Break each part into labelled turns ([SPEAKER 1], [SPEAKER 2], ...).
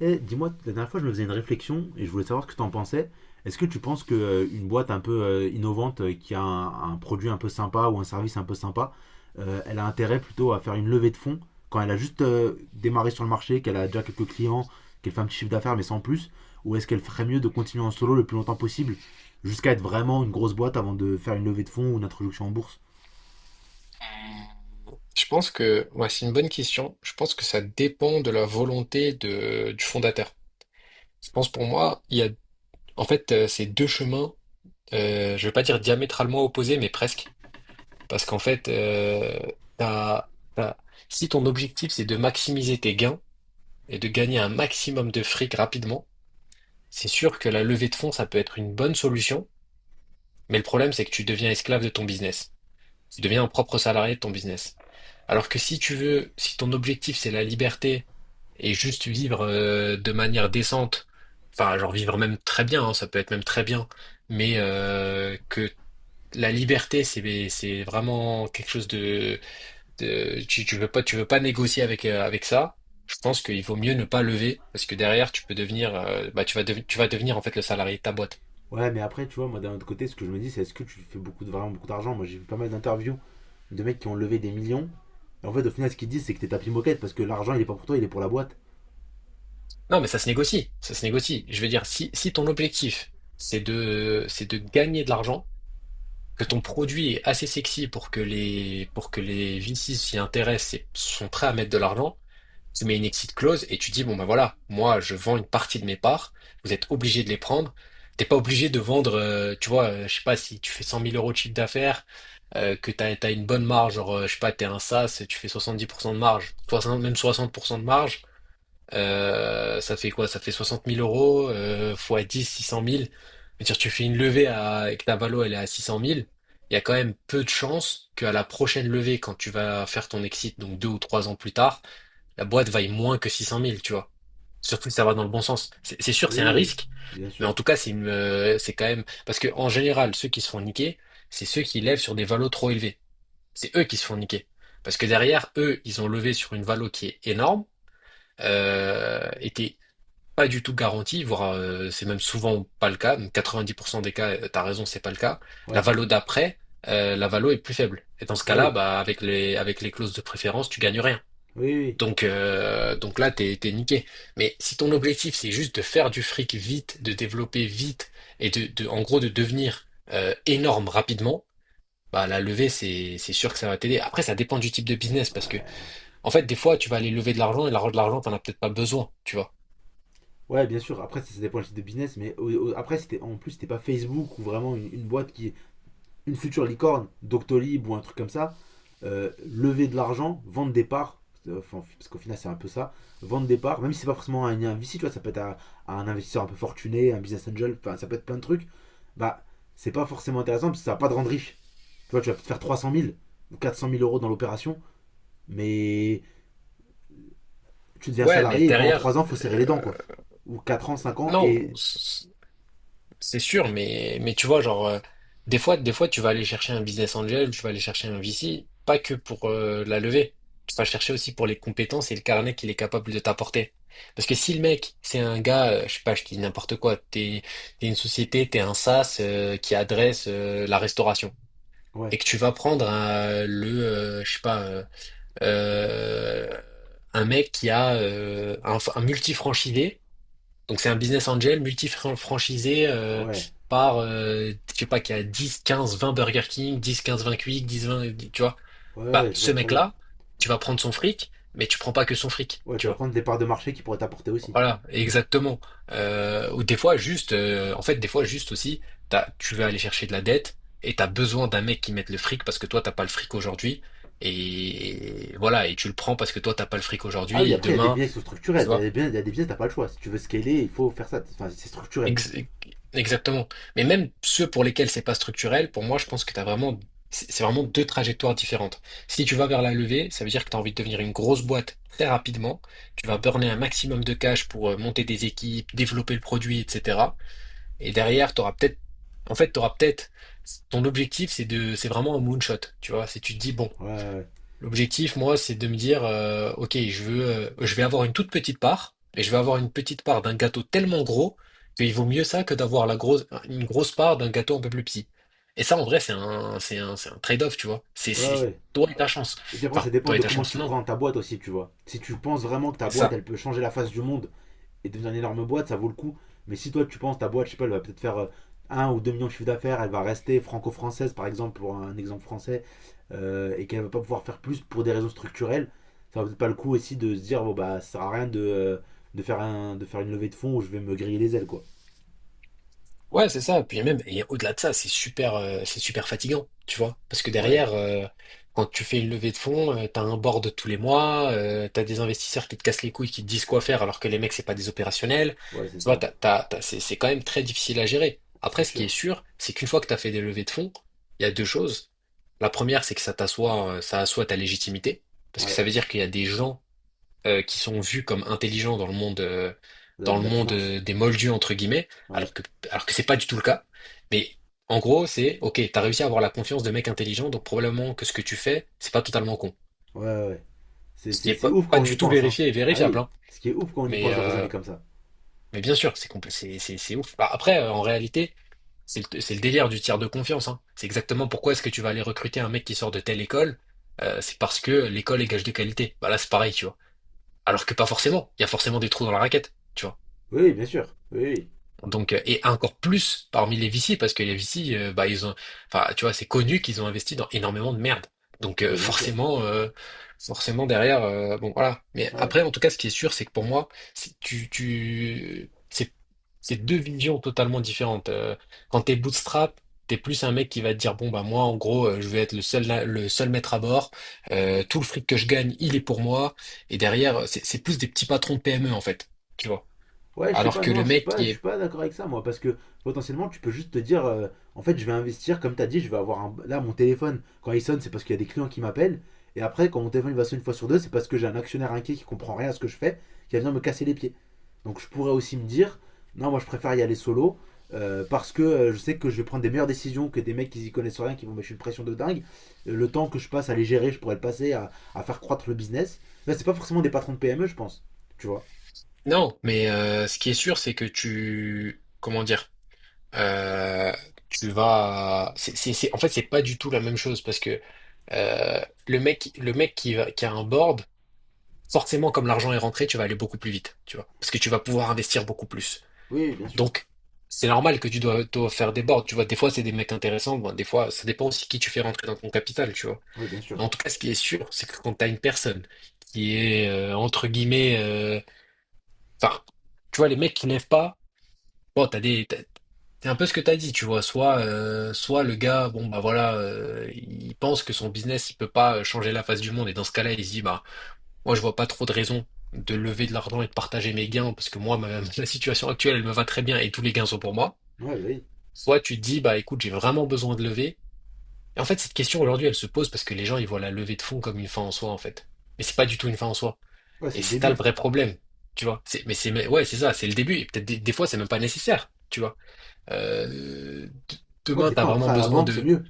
[SPEAKER 1] Eh, dis-moi, la dernière fois, je me faisais une réflexion et je voulais savoir ce que tu en pensais. Est-ce que tu penses que une boîte un peu innovante qui a un produit un peu sympa ou un service un peu sympa, elle a intérêt plutôt à faire une levée de fonds quand elle a juste démarré sur le marché, qu'elle a déjà quelques clients, qu'elle fait un petit chiffre d'affaires mais sans plus, ou est-ce qu'elle ferait mieux de continuer en solo le plus longtemps possible jusqu'à être vraiment une grosse boîte avant de faire une levée de fonds ou une introduction en bourse?
[SPEAKER 2] Je pense que ouais, c'est une bonne question. Je pense que ça dépend de la volonté du fondateur. Je pense pour moi, il y a en fait c'est deux chemins, je vais pas dire diamétralement opposés, mais presque. Parce qu'en fait, t'as- t'as- Si ton objectif c'est de maximiser tes gains et de gagner un maximum de fric rapidement, c'est sûr que la levée de fonds, ça peut être une bonne solution. Mais le problème, c'est que tu deviens esclave de ton business. Tu deviens un propre salarié de ton business. Alors que si tu veux, si ton objectif c'est la liberté et juste vivre de manière décente, enfin genre vivre même très bien, hein, ça peut être même très bien, mais que la liberté c'est vraiment quelque chose de, tu veux pas négocier avec avec ça. Je pense qu'il vaut mieux ne pas lever parce que derrière tu peux devenir bah tu vas devenir en fait le salarié de ta boîte.
[SPEAKER 1] Ouais, mais après, tu vois, moi d'un autre côté, ce que je me dis, c'est est-ce que tu fais beaucoup de, vraiment beaucoup d'argent. J'ai vu pas mal d'interviews de mecs qui ont levé des millions. Et en fait, au final, ce qu'ils disent, c'est que t'es tapis moquette parce que l'argent, il est pas pour toi, il est pour la boîte.
[SPEAKER 2] Non, mais ça se négocie, ça se négocie. Je veux dire, si ton objectif, c'est c'est de gagner de l'argent, que ton produit est assez sexy pour que pour que les VC s'y intéressent et sont prêts à mettre de l'argent, tu mets une exit clause et tu dis, bon ben voilà, moi je vends une partie de mes parts, vous êtes obligé de les prendre. T'es pas obligé de vendre, tu vois, je sais pas, si tu fais cent mille euros de chiffre d'affaires, que t'as une bonne marge, genre, je sais pas, t'es un SaaS, tu fais 70% de marge, 60 même 60% de marge, ça fait quoi? Ça fait 60 000 euros, fois 10, 600 000. C'est-à-dire, tu fais une levée à, et que ta valo, elle est à 600 000. Il y a quand même peu de chances qu'à la prochaine levée, quand tu vas faire ton exit, donc deux ou trois ans plus tard, la boîte vaille moins que 600 000, tu vois. Surtout si ça va dans le bon sens. C'est sûr, c'est un
[SPEAKER 1] Oui,
[SPEAKER 2] risque,
[SPEAKER 1] bien
[SPEAKER 2] mais en
[SPEAKER 1] sûr.
[SPEAKER 2] tout cas, c'est quand même, parce que en général, ceux qui se font niquer, c'est ceux qui lèvent sur des valos trop élevés. C'est eux qui se font niquer. Parce que derrière, eux, ils ont levé sur une valo qui est énorme, et t'es pas du tout garanti, voire c'est même souvent pas le cas. Donc 90% des cas, t'as raison, c'est pas le cas. La
[SPEAKER 1] Ouais.
[SPEAKER 2] valo d'après, la valo est plus faible. Et dans ce
[SPEAKER 1] Ah
[SPEAKER 2] cas-là,
[SPEAKER 1] oui.
[SPEAKER 2] bah avec les clauses de préférence, tu gagnes rien.
[SPEAKER 1] Oui, oui.
[SPEAKER 2] Donc là, t'es niqué. Mais si ton objectif c'est juste de faire du fric vite, de développer vite et de en gros de devenir énorme rapidement. Bah, la levée, c'est sûr que ça va t'aider. Après, ça dépend du type de business parce que,
[SPEAKER 1] Ouais,
[SPEAKER 2] en fait, des fois, tu vas aller lever de l'argent et de l'argent, t'en as peut-être pas besoin, tu vois.
[SPEAKER 1] ouais, bien sûr. Après, ça dépend du type de business. Mais après, c'était en plus, c'était pas Facebook ou vraiment une boîte qui, une future licorne, Doctolib ou un truc comme ça, lever de l'argent, vendre des parts, enfin, parce qu'au final c'est un peu ça, vendre des parts, même si c'est pas forcément un VC, tu vois, ça peut être à un investisseur un peu fortuné, un business angel, enfin, ça peut être plein de trucs, bah c'est pas forcément intéressant parce que ça va pas te rendre riche. Tu vois, tu vas peut-être faire 300 000 ou 400 000 euros dans l'opération, mais tu deviens
[SPEAKER 2] Ouais, mais
[SPEAKER 1] salarié et pendant
[SPEAKER 2] derrière,
[SPEAKER 1] 3 ans, faut serrer les dents, quoi. Ou 4 ans, 5 ans,
[SPEAKER 2] non,
[SPEAKER 1] et
[SPEAKER 2] c'est sûr, mais tu vois, genre, des fois, tu vas aller chercher un business angel, tu vas aller chercher un VC, pas que pour la levée. Tu vas le chercher aussi pour les compétences et le carnet qu'il est capable de t'apporter. Parce que si le mec, c'est un gars, je sais pas, je dis n'importe quoi, t'es une société, t'es un SaaS qui adresse la restauration,
[SPEAKER 1] ouais,
[SPEAKER 2] et que tu vas prendre je sais pas, euh, un mec qui a un multi-franchisé donc c'est un business angel multi-franchisé
[SPEAKER 1] ouais,
[SPEAKER 2] par, je sais pas, qui a 10, 15, 20 Burger King, 10, 15, 20 Quick, 10, 20, tu vois.
[SPEAKER 1] ouais,
[SPEAKER 2] Bah,
[SPEAKER 1] ouais, je
[SPEAKER 2] ce
[SPEAKER 1] vois très bien.
[SPEAKER 2] mec-là, tu vas prendre son fric, mais tu prends pas que son fric,
[SPEAKER 1] Ouais, tu
[SPEAKER 2] tu
[SPEAKER 1] vas
[SPEAKER 2] vois.
[SPEAKER 1] prendre des parts de marché qui pourraient t'apporter aussi.
[SPEAKER 2] Voilà, exactement. Ou des fois, en fait, des fois, juste aussi, tu vas aller chercher de la dette et t'as besoin d'un mec qui mette le fric parce que toi, t'as pas le fric aujourd'hui. Et voilà, et tu le prends parce que toi, t'as pas le fric
[SPEAKER 1] Ah oui,
[SPEAKER 2] aujourd'hui et
[SPEAKER 1] après, il y a des
[SPEAKER 2] demain,
[SPEAKER 1] biais qui sont structurels.
[SPEAKER 2] tu
[SPEAKER 1] Il y a
[SPEAKER 2] vois.
[SPEAKER 1] des biais, il y a des biais, t'as pas le choix. Si tu veux scaler, il faut faire ça. Enfin, c'est structurel.
[SPEAKER 2] Ex- Exactement. Mais même ceux pour lesquels c'est pas structurel, pour moi, je pense que t'as vraiment, c'est vraiment deux trajectoires différentes. Si tu vas vers la levée, ça veut dire que tu as envie de devenir une grosse boîte très rapidement. Tu vas burner un maximum de cash pour monter des équipes, développer le produit, etc. Et derrière, tu auras peut-être, en fait, tu auras peut-être, ton objectif, c'est de, c'est vraiment un moonshot. Tu vois, si tu te dis, bon,
[SPEAKER 1] Ouais,
[SPEAKER 2] l'objectif, moi, c'est de me dire, ok, je veux, je vais avoir une toute petite part, et je vais avoir une petite part d'un gâteau tellement gros qu'il vaut mieux ça que d'avoir une grosse part d'un gâteau un peu plus petit. Et ça, en vrai, c'est un trade-off, tu vois.
[SPEAKER 1] ouais, ouais.
[SPEAKER 2] C'est
[SPEAKER 1] Ouais.
[SPEAKER 2] toi et ta chance.
[SPEAKER 1] Et puis après,
[SPEAKER 2] Enfin,
[SPEAKER 1] ça dépend
[SPEAKER 2] toi et
[SPEAKER 1] de
[SPEAKER 2] ta
[SPEAKER 1] comment
[SPEAKER 2] chance,
[SPEAKER 1] tu
[SPEAKER 2] non.
[SPEAKER 1] crois en ta boîte aussi, tu vois. Si tu penses vraiment que ta
[SPEAKER 2] C'est
[SPEAKER 1] boîte,
[SPEAKER 2] ça.
[SPEAKER 1] elle peut changer la face du monde et devenir une énorme boîte, ça vaut le coup. Mais si toi, tu penses ta boîte, je sais pas, elle va peut-être faire 1 ou 2 millions de chiffre d'affaires, elle va rester franco-française, par exemple, pour un exemple français, et qu'elle va pas pouvoir faire plus pour des raisons structurelles, ça va peut-être pas le coup aussi de se dire, bon, bah, ça sert à rien de faire une levée de fonds où je vais me griller les ailes, quoi.
[SPEAKER 2] Ouais, c'est ça. Puis même, et au-delà de ça, c'est super fatigant, tu vois. Parce que
[SPEAKER 1] Ouais,
[SPEAKER 2] derrière, quand tu fais une levée de fonds, t'as un board tous les mois, t'as des investisseurs qui te cassent les couilles, qui te disent quoi faire, alors que les mecs, c'est pas des opérationnels.
[SPEAKER 1] ouais, c'est
[SPEAKER 2] Tu vois,
[SPEAKER 1] ça.
[SPEAKER 2] c'est quand même très difficile à gérer.
[SPEAKER 1] C'est
[SPEAKER 2] Après, ce qui est
[SPEAKER 1] sûr.
[SPEAKER 2] sûr, c'est qu'une fois que t'as fait des levées de fonds, il y a deux choses. La première, c'est que ça t'assoit, ça assoit ta légitimité. Parce que
[SPEAKER 1] Ouais,
[SPEAKER 2] ça veut dire qu'il y a des gens qui sont vus comme intelligents dans le monde, euh, dans
[SPEAKER 1] de
[SPEAKER 2] le
[SPEAKER 1] la
[SPEAKER 2] monde
[SPEAKER 1] finance.
[SPEAKER 2] euh, des moldus, entre guillemets,
[SPEAKER 1] Ouais,
[SPEAKER 2] alors que c'est pas du tout le cas. Mais en gros, c'est, ok, t'as réussi à avoir la confiance de mecs intelligents, donc probablement que ce que tu fais, c'est pas totalement con.
[SPEAKER 1] ouais, ouais. Ouais. C'est,
[SPEAKER 2] Ce qui
[SPEAKER 1] c'est,
[SPEAKER 2] est
[SPEAKER 1] c'est ouf quand
[SPEAKER 2] pas
[SPEAKER 1] on y
[SPEAKER 2] du tout
[SPEAKER 1] pense, hein.
[SPEAKER 2] vérifié et
[SPEAKER 1] Ah
[SPEAKER 2] vérifiable,
[SPEAKER 1] oui,
[SPEAKER 2] hein.
[SPEAKER 1] ce qui est ouf quand on y
[SPEAKER 2] Mais,
[SPEAKER 1] pense de
[SPEAKER 2] euh,
[SPEAKER 1] raisonner comme ça.
[SPEAKER 2] mais bien sûr, c'est compl- c'est ouf. Bah, après, en réalité, c'est le délire du tiers de confiance, hein. C'est exactement pourquoi est-ce que tu vas aller recruter un mec qui sort de telle école, c'est parce que l'école est gage de qualité. Bah là, c'est pareil, tu vois. Alors que pas forcément. Il y a forcément des trous dans la raquette. Tu vois.
[SPEAKER 1] Oui, oui, bien sûr. Oui, oui.
[SPEAKER 2] Et encore plus parmi les VC, parce que les VC, bah, ils ont, enfin, tu vois, c'est connu qu'ils ont investi dans énormément de merde. Donc,
[SPEAKER 1] Ah bah
[SPEAKER 2] euh,
[SPEAKER 1] bien sûr.
[SPEAKER 2] forcément, euh, forcément derrière, bon, voilà. Mais
[SPEAKER 1] Ouais.
[SPEAKER 2] après, en tout cas, ce qui est sûr, c'est que pour moi, c'est- tu, tu, c'est, c'est deux visions totalement différentes. Quand t'es bootstrap, t'es plus un mec qui va te dire, bon, bah, moi, en gros, je vais être le seul maître à bord. Tout le fric que je gagne, il est pour moi. Et derrière, c'est plus des petits patrons de PME, en fait. Tu vois.
[SPEAKER 1] Ouais, je sais
[SPEAKER 2] Alors
[SPEAKER 1] pas,
[SPEAKER 2] que
[SPEAKER 1] non,
[SPEAKER 2] le
[SPEAKER 1] je suis
[SPEAKER 2] mec
[SPEAKER 1] pas,
[SPEAKER 2] qui
[SPEAKER 1] je suis
[SPEAKER 2] est
[SPEAKER 1] pas d'accord avec ça, moi, parce que potentiellement, tu peux juste te dire, en fait, je vais investir, comme t'as dit, je vais avoir un. Là, mon téléphone, quand il sonne, c'est parce qu'il y a des clients qui m'appellent, et après, quand mon téléphone il va sonner une fois sur deux, c'est parce que j'ai un actionnaire inquiet qui comprend rien à ce que je fais, qui va venir me casser les pieds. Donc, je pourrais aussi me dire, non, moi, je préfère y aller solo, parce que je sais que je vais prendre des meilleures décisions que des mecs qui y connaissent rien, qui vont me mettre une pression de dingue. Le temps que je passe à les gérer, je pourrais le passer à faire croître le business. Là, c'est pas forcément des patrons de PME, je pense, tu vois.
[SPEAKER 2] non, mais ce qui est sûr, c'est que tu, comment dire, euh, tu vas, c'est- en fait, c'est pas du tout la même chose parce que euh, le mec qui qui a un board, forcément, comme l'argent est rentré, tu vas aller beaucoup plus vite, tu vois, parce que tu vas pouvoir investir beaucoup plus.
[SPEAKER 1] Oui, bien sûr.
[SPEAKER 2] Donc, c'est normal que dois faire des boards, tu vois. Des fois, c'est des mecs intéressants, bon, des fois, ça dépend aussi qui tu fais rentrer dans ton capital, tu vois.
[SPEAKER 1] Oui, bien
[SPEAKER 2] Mais en
[SPEAKER 1] sûr.
[SPEAKER 2] tout cas, ce qui est sûr, c'est que quand t'as une personne qui est entre guillemets, enfin, tu vois, les mecs qui lèvent pas. Bon, c'est un peu ce que t'as dit, tu vois. Soit, soit le gars, bon bah voilà, il pense que son business, il peut pas changer la face du monde, et dans ce cas-là, il se dit, bah, moi, je vois pas trop de raison de lever de l'argent et de partager mes gains, parce que moi, la situation actuelle, elle me va très bien, et tous les gains sont pour moi.
[SPEAKER 1] Ouais, bah oui.
[SPEAKER 2] Soit tu te dis, bah écoute, j'ai vraiment besoin de lever. Et en fait, cette question aujourd'hui, elle se pose parce que les gens, ils voient la levée de fonds comme une fin en soi, en fait. Mais c'est pas du tout une fin en soi.
[SPEAKER 1] Ouais, c'est
[SPEAKER 2] Et
[SPEAKER 1] le
[SPEAKER 2] c'est ça le
[SPEAKER 1] début.
[SPEAKER 2] vrai problème, tu vois. Mais ouais, c'est ça, c'est le début. Et peut-être des fois, c'est même pas nécessaire, tu vois. Euh, d-
[SPEAKER 1] Ouais,
[SPEAKER 2] demain,
[SPEAKER 1] des
[SPEAKER 2] tu as
[SPEAKER 1] fois, un
[SPEAKER 2] vraiment
[SPEAKER 1] prêt à la
[SPEAKER 2] besoin
[SPEAKER 1] banque, c'est
[SPEAKER 2] de...
[SPEAKER 1] mieux.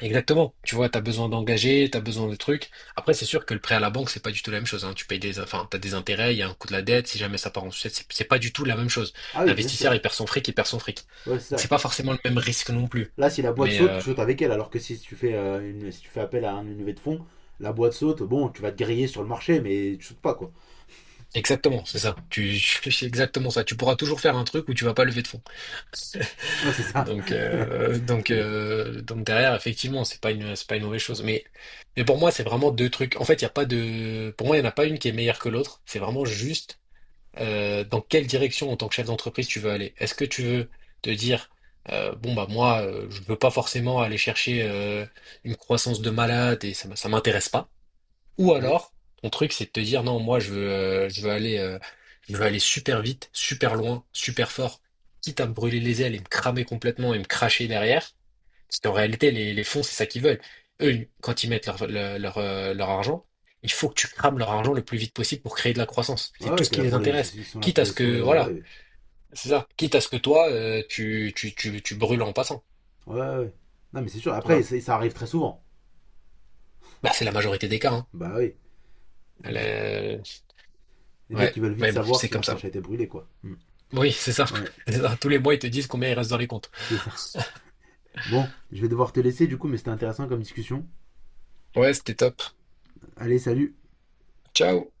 [SPEAKER 2] Exactement, tu vois, tu as besoin d'engager, tu as besoin de trucs. Après, c'est sûr que le prêt à la banque, c'est pas du tout la même chose, hein. Tu payes des... Enfin, t'as des intérêts, il y a un coût de la dette, si jamais ça part en sucette, c'est pas du tout la même chose.
[SPEAKER 1] Ah oui, bien
[SPEAKER 2] L'investisseur,
[SPEAKER 1] sûr.
[SPEAKER 2] il perd son fric, il perd son fric.
[SPEAKER 1] Ouais, c'est
[SPEAKER 2] Donc, c'est
[SPEAKER 1] ça.
[SPEAKER 2] pas forcément le même risque non plus.
[SPEAKER 1] Là, si la boîte
[SPEAKER 2] Mais
[SPEAKER 1] saute, tu
[SPEAKER 2] euh,
[SPEAKER 1] sautes avec elle. Alors que si tu fais, si tu fais appel à une levée de fonds, la boîte saute, bon, tu vas te griller sur le marché, mais tu sautes pas, quoi.
[SPEAKER 2] exactement, c'est ça. Tu, c'est exactement ça. Tu pourras toujours faire un truc où tu vas pas lever de fonds.
[SPEAKER 1] Ouais, c'est ça.
[SPEAKER 2] Donc derrière, effectivement, c'est pas une mauvaise chose. Mais pour moi, c'est vraiment deux trucs. En fait, il y a pas de, pour moi, il n'y en a pas une qui est meilleure que l'autre. C'est vraiment juste dans quelle direction, en tant que chef d'entreprise, tu veux aller. Est-ce que tu veux te dire, bon bah moi, je veux pas forcément aller chercher une croissance de malade et ça, ça m'intéresse pas. Ou
[SPEAKER 1] Ouais.
[SPEAKER 2] alors, ton truc, c'est de te dire non, moi je veux aller super vite, super loin, super fort, quitte à me brûler les ailes et me cramer complètement et me cracher derrière. Parce qu'en réalité, les fonds, c'est ça qu'ils veulent. Eux, quand ils mettent leur argent, il faut que tu crames leur argent le plus vite possible pour créer de la croissance.
[SPEAKER 1] Ouais,
[SPEAKER 2] C'est tout
[SPEAKER 1] ouais,
[SPEAKER 2] ce
[SPEAKER 1] t'es
[SPEAKER 2] qui
[SPEAKER 1] là
[SPEAKER 2] les
[SPEAKER 1] pour
[SPEAKER 2] intéresse.
[SPEAKER 1] les. Ils sont là
[SPEAKER 2] Quitte à
[SPEAKER 1] pour
[SPEAKER 2] ce
[SPEAKER 1] essorer.
[SPEAKER 2] que,
[SPEAKER 1] Là. Ouais,
[SPEAKER 2] voilà,
[SPEAKER 1] ouais.
[SPEAKER 2] c'est ça. Quitte à ce que toi, tu brûles en passant.
[SPEAKER 1] Ouais, ouais. Non, mais c'est sûr.
[SPEAKER 2] Tu
[SPEAKER 1] Après,
[SPEAKER 2] vois?
[SPEAKER 1] ça arrive très souvent.
[SPEAKER 2] Bah, c'est la majorité des cas. Hein.
[SPEAKER 1] Bah oui.
[SPEAKER 2] Elle
[SPEAKER 1] Hmm.
[SPEAKER 2] est-
[SPEAKER 1] Les mecs,
[SPEAKER 2] Ouais,
[SPEAKER 1] ils veulent vite
[SPEAKER 2] mais bon,
[SPEAKER 1] savoir
[SPEAKER 2] c'est
[SPEAKER 1] si
[SPEAKER 2] comme
[SPEAKER 1] leur
[SPEAKER 2] ça.
[SPEAKER 1] cache a été brûlée, quoi. Hmm.
[SPEAKER 2] Oui, c'est ça.
[SPEAKER 1] Ouais,
[SPEAKER 2] C'est ça. Tous les mois, ils te disent combien il reste dans les comptes.
[SPEAKER 1] c'est ça. Bon, je vais devoir te laisser, du coup, mais c'était intéressant comme discussion.
[SPEAKER 2] Ouais, c'était top.
[SPEAKER 1] Allez, salut.
[SPEAKER 2] Ciao.